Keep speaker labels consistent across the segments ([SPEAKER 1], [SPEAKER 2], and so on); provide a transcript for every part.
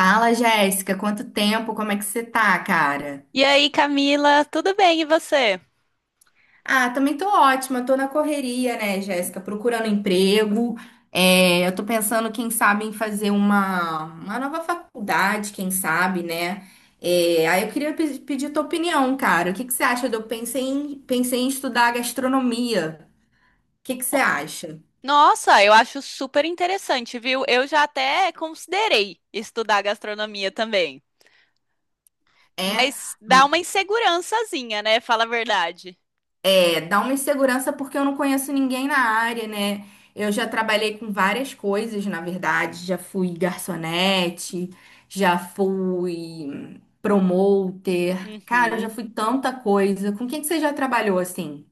[SPEAKER 1] Fala, Jéssica, quanto tempo? Como é que você tá, cara?
[SPEAKER 2] E aí, Camila, tudo bem e você?
[SPEAKER 1] Ah, também tô ótima, tô na correria, né, Jéssica? Procurando emprego. É, eu tô pensando, quem sabe, em fazer uma nova faculdade, quem sabe, né? É, aí eu queria pedir tua opinião, cara. O que que você acha? Eu pensei em estudar gastronomia. O que que você acha?
[SPEAKER 2] Nossa, eu acho super interessante, viu? Eu já até considerei estudar gastronomia também,
[SPEAKER 1] É?
[SPEAKER 2] mas dá uma insegurançazinha, né? Fala a verdade.
[SPEAKER 1] É, dá uma insegurança porque eu não conheço ninguém na área, né? Eu já trabalhei com várias coisas, na verdade. Já fui garçonete, já fui promoter. Cara, eu já
[SPEAKER 2] Uhum.
[SPEAKER 1] fui tanta coisa. Com quem que você já trabalhou assim?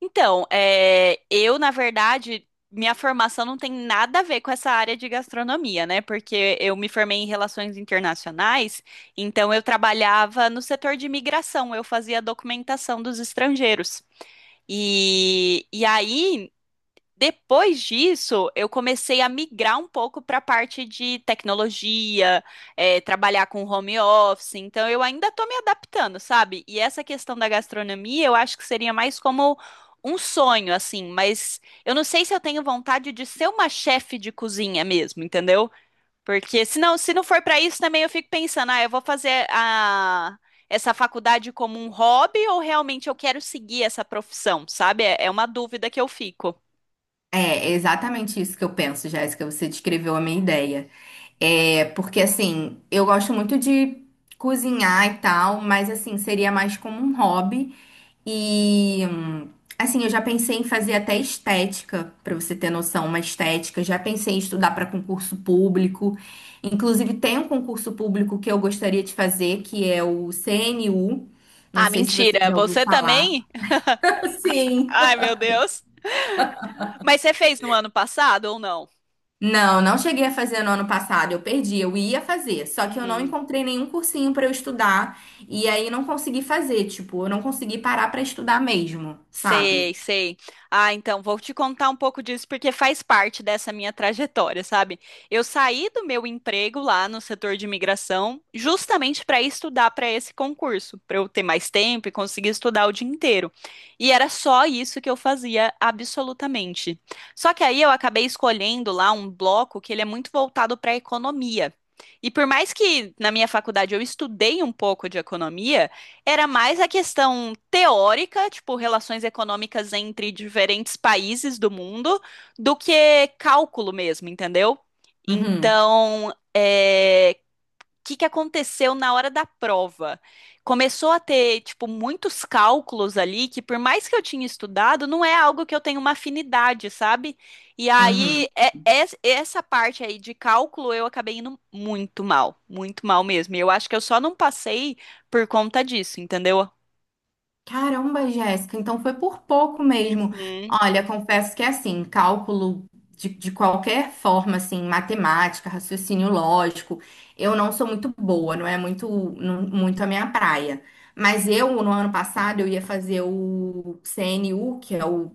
[SPEAKER 2] Então, é, eu, na verdade, minha formação não tem nada a ver com essa área de gastronomia, né? Porque eu me formei em relações internacionais, então eu trabalhava no setor de imigração, eu fazia documentação dos estrangeiros. E aí. Depois disso, eu comecei a migrar um pouco para a parte de tecnologia, é, trabalhar com home office, então eu ainda estou me adaptando, sabe? E essa questão da gastronomia, eu acho que seria mais como um sonho, assim, mas eu não sei se eu tenho vontade de ser uma chefe de cozinha mesmo, entendeu? Porque se não for para isso, também eu fico pensando, ah, eu vou fazer a essa faculdade como um hobby ou realmente eu quero seguir essa profissão, sabe? É uma dúvida que eu fico.
[SPEAKER 1] É, é exatamente isso que eu penso, Jéssica. Você descreveu a minha ideia. É, porque assim, eu gosto muito de cozinhar e tal, mas assim, seria mais como um hobby. E assim, eu já pensei em fazer até estética, pra você ter noção, uma estética. Já pensei em estudar para concurso público. Inclusive, tem um concurso público que eu gostaria de fazer, que é o CNU. Não
[SPEAKER 2] Ah,
[SPEAKER 1] sei se você
[SPEAKER 2] mentira.
[SPEAKER 1] já ouviu
[SPEAKER 2] Você
[SPEAKER 1] falar.
[SPEAKER 2] também?
[SPEAKER 1] Sim.
[SPEAKER 2] Ai, meu Deus. Mas você fez no ano passado ou não?
[SPEAKER 1] Não, não cheguei a fazer no ano passado, eu perdi, eu ia fazer, só que eu não
[SPEAKER 2] Hum.
[SPEAKER 1] encontrei nenhum cursinho pra eu estudar e aí não consegui fazer, tipo, eu não consegui parar pra estudar mesmo, sabe?
[SPEAKER 2] Sei, sei. Ah, então vou te contar um pouco disso porque faz parte dessa minha trajetória, sabe? Eu saí do meu emprego lá no setor de imigração justamente para estudar para esse concurso, para eu ter mais tempo e conseguir estudar o dia inteiro. E era só isso que eu fazia absolutamente. Só que aí eu acabei escolhendo lá um bloco que ele é muito voltado para economia. E por mais que na minha faculdade eu estudei um pouco de economia, era mais a questão teórica, tipo, relações econômicas entre diferentes países do mundo, do que cálculo mesmo, entendeu?
[SPEAKER 1] Uhum,
[SPEAKER 2] Então, que aconteceu na hora da prova. Começou a ter, tipo, muitos cálculos ali que, por mais que eu tinha estudado, não é algo que eu tenho uma afinidade, sabe? E aí,
[SPEAKER 1] uhum.
[SPEAKER 2] essa parte aí de cálculo, eu acabei indo muito mal mesmo. E eu acho que eu só não passei por conta disso, entendeu?
[SPEAKER 1] Caramba, Jéssica, então foi por pouco mesmo.
[SPEAKER 2] Uhum,
[SPEAKER 1] Olha, confesso que é assim, cálculo de qualquer forma, assim, matemática, raciocínio lógico, eu não sou muito boa, não é muito, muito a minha praia. Mas eu, no ano passado, eu ia fazer o CNU, que é o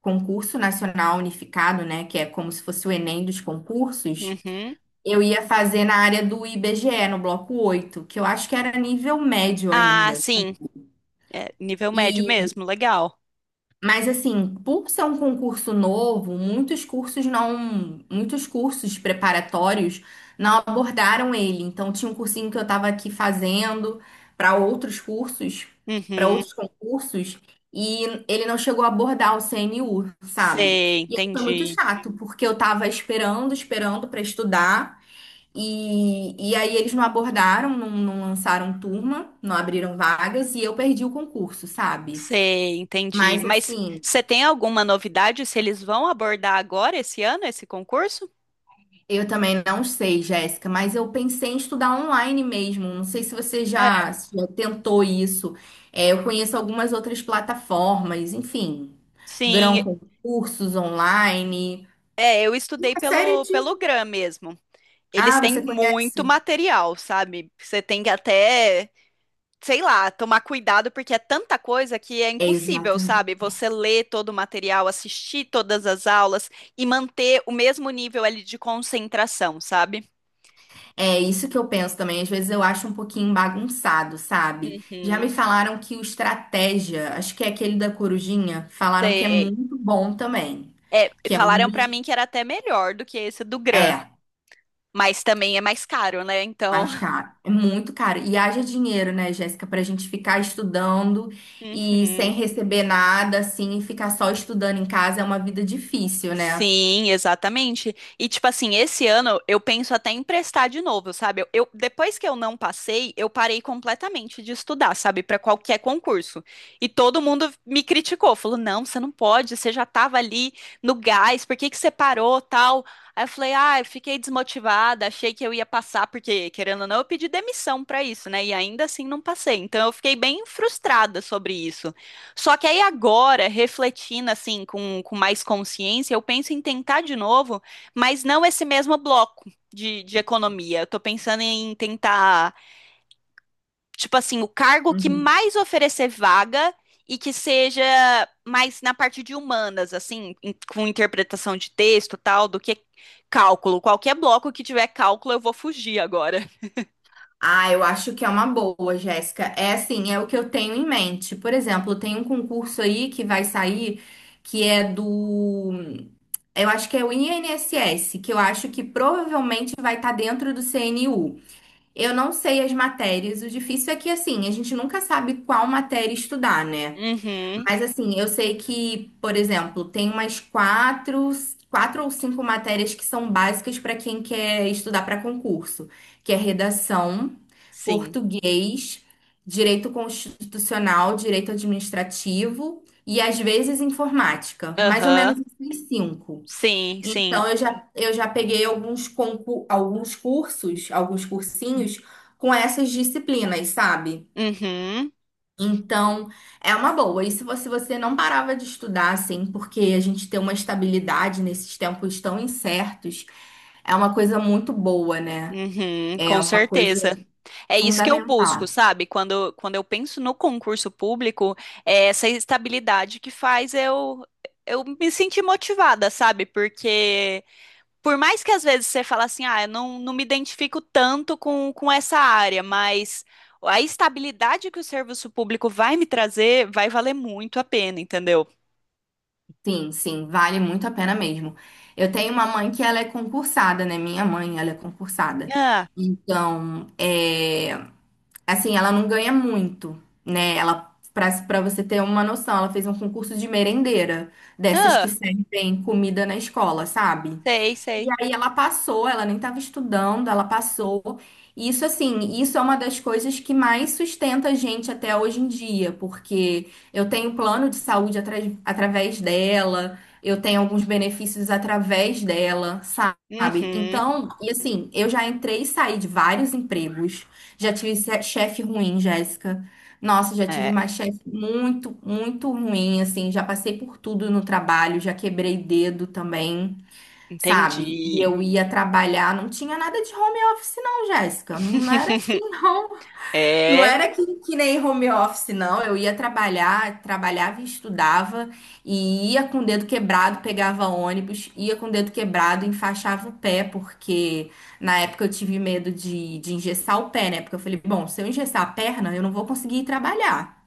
[SPEAKER 1] Concurso Nacional Unificado, né, que é como se fosse o Enem dos concursos.
[SPEAKER 2] uhum.
[SPEAKER 1] Eu ia fazer na área do IBGE, no bloco 8, que eu acho que era nível médio
[SPEAKER 2] Ah,
[SPEAKER 1] ainda.
[SPEAKER 2] sim, é, nível médio mesmo, legal.
[SPEAKER 1] Mas assim, por ser um concurso novo, muitos cursos não, muitos cursos preparatórios não abordaram ele. Então tinha um cursinho que eu estava aqui fazendo para outros cursos, para
[SPEAKER 2] Uhum,
[SPEAKER 1] outros concursos, e ele não chegou a abordar o CNU, sabe?
[SPEAKER 2] sei,
[SPEAKER 1] E aí foi muito
[SPEAKER 2] entendi.
[SPEAKER 1] chato, porque eu estava esperando, esperando para estudar, e aí eles não abordaram, não, não lançaram turma, não abriram vagas, e eu perdi o concurso, sabe?
[SPEAKER 2] Sei, entendi.
[SPEAKER 1] Mas
[SPEAKER 2] Mas
[SPEAKER 1] assim,
[SPEAKER 2] você tem alguma novidade se eles vão abordar agora esse ano esse concurso?
[SPEAKER 1] eu também não sei, Jéssica, mas eu pensei em estudar online mesmo. Não sei se você
[SPEAKER 2] É.
[SPEAKER 1] já, se já tentou isso. É, eu conheço algumas outras plataformas, enfim, Grão
[SPEAKER 2] Sim,
[SPEAKER 1] com cursos online.
[SPEAKER 2] é, eu estudei
[SPEAKER 1] Uma série
[SPEAKER 2] pelo
[SPEAKER 1] de.
[SPEAKER 2] GRAM mesmo. Eles
[SPEAKER 1] Ah,
[SPEAKER 2] têm
[SPEAKER 1] você
[SPEAKER 2] muito
[SPEAKER 1] conhece?
[SPEAKER 2] material, sabe? Você tem que até, sei lá, tomar cuidado porque é tanta coisa que é
[SPEAKER 1] É,
[SPEAKER 2] impossível,
[SPEAKER 1] exatamente.
[SPEAKER 2] sabe? Você ler todo o material, assistir todas as aulas e manter o mesmo nível ali de concentração, sabe?
[SPEAKER 1] É isso que eu penso também. Às vezes eu acho um pouquinho bagunçado, sabe? Já me
[SPEAKER 2] Uhum,
[SPEAKER 1] falaram que o Estratégia, acho que é aquele da Corujinha, falaram que é
[SPEAKER 2] sei.
[SPEAKER 1] muito bom também.
[SPEAKER 2] É,
[SPEAKER 1] Que é um
[SPEAKER 2] falaram pra mim
[SPEAKER 1] dos.
[SPEAKER 2] que era até melhor do que esse do GRAM.
[SPEAKER 1] É,
[SPEAKER 2] Mas também é mais caro, né? Então.
[SPEAKER 1] mais caro, é muito caro. E haja dinheiro, né, Jéssica, pra gente ficar estudando e sem
[SPEAKER 2] Uhum.
[SPEAKER 1] receber nada, assim, e ficar só estudando em casa é uma vida difícil, né?
[SPEAKER 2] Sim, exatamente. E tipo assim, esse ano eu penso até em emprestar de novo, sabe? Depois que eu não passei, eu parei completamente de estudar, sabe, para qualquer concurso. E todo mundo me criticou, falou: "Não, você não pode, você já tava ali no gás, por que que você parou, tal?" Aí eu falei: "Ah, eu fiquei desmotivada, achei que eu ia passar porque querendo ou não, eu pedi demissão para isso, né? E ainda assim não passei. Então eu fiquei bem frustrada sobre isso. Só que aí agora, refletindo assim, com mais consciência, eu penso em tentar de novo, mas não esse mesmo bloco de economia. Eu tô pensando em tentar, tipo assim, o cargo que
[SPEAKER 1] Uhum.
[SPEAKER 2] mais oferecer vaga e que seja mais na parte de humanas, assim, com interpretação de texto e tal, do que cálculo. Qualquer bloco que tiver cálculo, eu vou fugir agora.
[SPEAKER 1] Ah, eu acho que é uma boa, Jéssica. É assim, é o que eu tenho em mente. Por exemplo, tem um concurso aí que vai sair que é do. Eu acho que é o INSS, que eu acho que provavelmente vai estar dentro do CNU. Eu não sei as matérias. O difícil é que, assim, a gente nunca sabe qual matéria estudar, né?
[SPEAKER 2] Uhum,
[SPEAKER 1] Mas, assim, eu sei que, por exemplo, tem umas quatro, quatro ou cinco matérias que são básicas para quem quer estudar para concurso, que é redação,
[SPEAKER 2] sim.
[SPEAKER 1] português, direito constitucional, direito administrativo e, às vezes, informática. Mais ou
[SPEAKER 2] Aham,
[SPEAKER 1] menos, assim, cinco.
[SPEAKER 2] sim, sim.
[SPEAKER 1] Então, eu já peguei alguns, concur, alguns cursos, alguns cursinhos com essas disciplinas, sabe?
[SPEAKER 2] Uhum,
[SPEAKER 1] Então, é uma boa. E se você, você não parava de estudar, assim, porque a gente tem uma estabilidade nesses tempos tão incertos, é uma coisa muito boa, né?
[SPEAKER 2] uhum,
[SPEAKER 1] É
[SPEAKER 2] com
[SPEAKER 1] uma coisa
[SPEAKER 2] certeza. É isso que eu
[SPEAKER 1] fundamental.
[SPEAKER 2] busco, sabe? Quando eu penso no concurso público, é essa estabilidade que faz eu me sentir motivada, sabe? Porque por mais que às vezes você fala assim, ah, eu não me identifico tanto com essa área, mas a estabilidade que o serviço público vai me trazer vai valer muito a pena, entendeu?
[SPEAKER 1] Sim, sim, vale muito a pena mesmo. Eu tenho uma mãe que ela é concursada, né? Minha mãe, ela é concursada.
[SPEAKER 2] Ah,
[SPEAKER 1] Então, é, assim, ela não ganha muito, né? Ela para você ter uma noção, ela fez um concurso de merendeira, dessas que
[SPEAKER 2] ah,
[SPEAKER 1] servem comida na escola, sabe?
[SPEAKER 2] sei,
[SPEAKER 1] E
[SPEAKER 2] sei.
[SPEAKER 1] aí ela passou, ela nem estava estudando, ela passou. E isso assim, isso é uma das coisas que mais sustenta a gente até hoje em dia, porque eu tenho plano de saúde através dela, eu tenho alguns benefícios através dela, sabe?
[SPEAKER 2] Uhum,
[SPEAKER 1] Então, e assim, eu já entrei e saí de vários empregos, já tive chefe ruim, Jéssica. Nossa, já tive
[SPEAKER 2] é,
[SPEAKER 1] mais chefe muito, muito ruim, assim, já passei por tudo no trabalho, já quebrei dedo também, sabe? E
[SPEAKER 2] entendi.
[SPEAKER 1] eu ia trabalhar, não tinha nada de home office, não, Jéssica. Não era assim, não. Não
[SPEAKER 2] É,
[SPEAKER 1] era que nem home office, não. Eu ia trabalhar, trabalhava e estudava, e ia com o dedo quebrado, pegava ônibus, ia com o dedo quebrado, enfaixava o pé, porque na época eu tive medo de engessar o pé, né? Porque eu falei, bom, se eu engessar a perna, eu não vou conseguir ir trabalhar.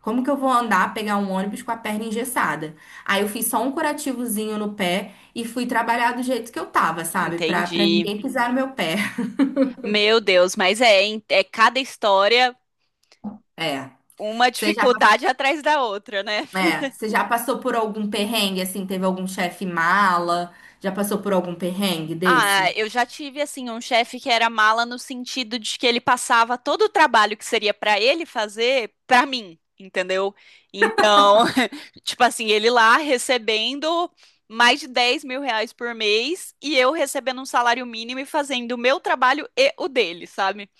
[SPEAKER 1] Como que eu vou andar, pegar um ônibus com a perna engessada? Aí eu fiz só um curativozinho no pé e fui trabalhar do jeito que eu tava, sabe? Pra
[SPEAKER 2] entendi.
[SPEAKER 1] ninguém pisar no meu pé.
[SPEAKER 2] Meu Deus, mas é, hein, é cada história
[SPEAKER 1] É.
[SPEAKER 2] uma
[SPEAKER 1] Você já, pass-
[SPEAKER 2] dificuldade atrás da outra, né?
[SPEAKER 1] É, você já passou por algum perrengue, assim? Teve algum chefe mala? Já passou por algum perrengue
[SPEAKER 2] Ah,
[SPEAKER 1] desses?
[SPEAKER 2] eu já tive assim um chefe que era mala no sentido de que ele passava todo o trabalho que seria pra ele fazer pra mim, entendeu? Então, tipo assim, ele lá recebendo mais de 10 mil reais por mês e eu recebendo um salário mínimo e fazendo o meu trabalho e o dele, sabe?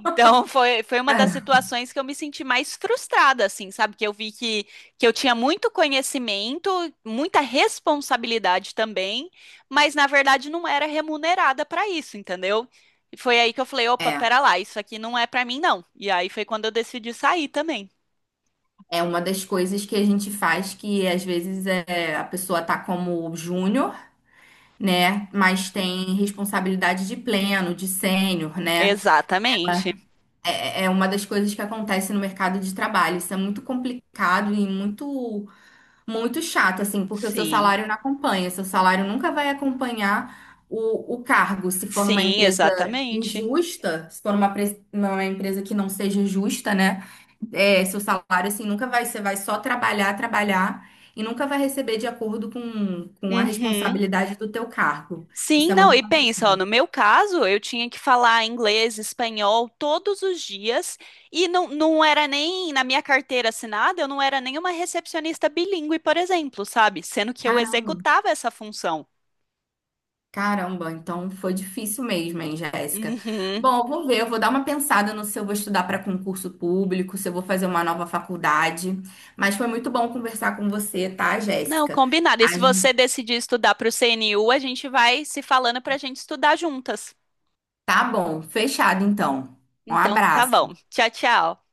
[SPEAKER 2] Então foi uma das
[SPEAKER 1] Cara,
[SPEAKER 2] situações que eu me senti mais frustrada, assim, sabe? Que eu vi que eu tinha muito conhecimento, muita responsabilidade também, mas na verdade não era remunerada para isso, entendeu? E foi aí que eu falei, opa,
[SPEAKER 1] é.
[SPEAKER 2] pera lá, isso aqui não é para mim, não. E aí foi quando eu decidi sair também.
[SPEAKER 1] É uma das coisas que a gente faz que às vezes é, a pessoa tá como júnior, né? Mas
[SPEAKER 2] Uhum.
[SPEAKER 1] tem responsabilidade de pleno, de sênior, né?
[SPEAKER 2] Exatamente.
[SPEAKER 1] É uma das coisas que acontece no mercado de trabalho. Isso é muito complicado e muito, muito chato, assim, porque o seu
[SPEAKER 2] Sim,
[SPEAKER 1] salário não acompanha. Seu salário nunca vai acompanhar o cargo. Se for numa
[SPEAKER 2] sim,
[SPEAKER 1] empresa
[SPEAKER 2] exatamente.
[SPEAKER 1] injusta, se for uma, uma empresa que não seja justa, né? É, seu salário, assim, nunca vai. Você vai só trabalhar, trabalhar e nunca vai receber de acordo com a
[SPEAKER 2] Uhum.
[SPEAKER 1] responsabilidade do teu cargo. Isso
[SPEAKER 2] Sim,
[SPEAKER 1] é
[SPEAKER 2] não,
[SPEAKER 1] muito
[SPEAKER 2] e pensa,
[SPEAKER 1] complicado.
[SPEAKER 2] ó, no meu caso, eu tinha que falar inglês, espanhol todos os dias, e não, não era nem na minha carteira assinada, eu não era nem uma recepcionista bilíngue, por exemplo, sabe? Sendo que eu
[SPEAKER 1] Caramba.
[SPEAKER 2] executava essa função.
[SPEAKER 1] Caramba, então foi difícil mesmo, hein, Jéssica?
[SPEAKER 2] Uhum.
[SPEAKER 1] Bom, eu vou ver, eu vou dar uma pensada no se eu vou estudar para concurso público, se eu vou fazer uma nova faculdade. Mas foi muito bom conversar com você, tá,
[SPEAKER 2] Não,
[SPEAKER 1] Jéssica?
[SPEAKER 2] combinado. E
[SPEAKER 1] A
[SPEAKER 2] se
[SPEAKER 1] gen-
[SPEAKER 2] você decidir estudar para o CNU, a gente vai se falando para a gente estudar juntas.
[SPEAKER 1] Tá bom, fechado então. Um
[SPEAKER 2] Então, tá
[SPEAKER 1] abraço.
[SPEAKER 2] bom. Tchau, tchau.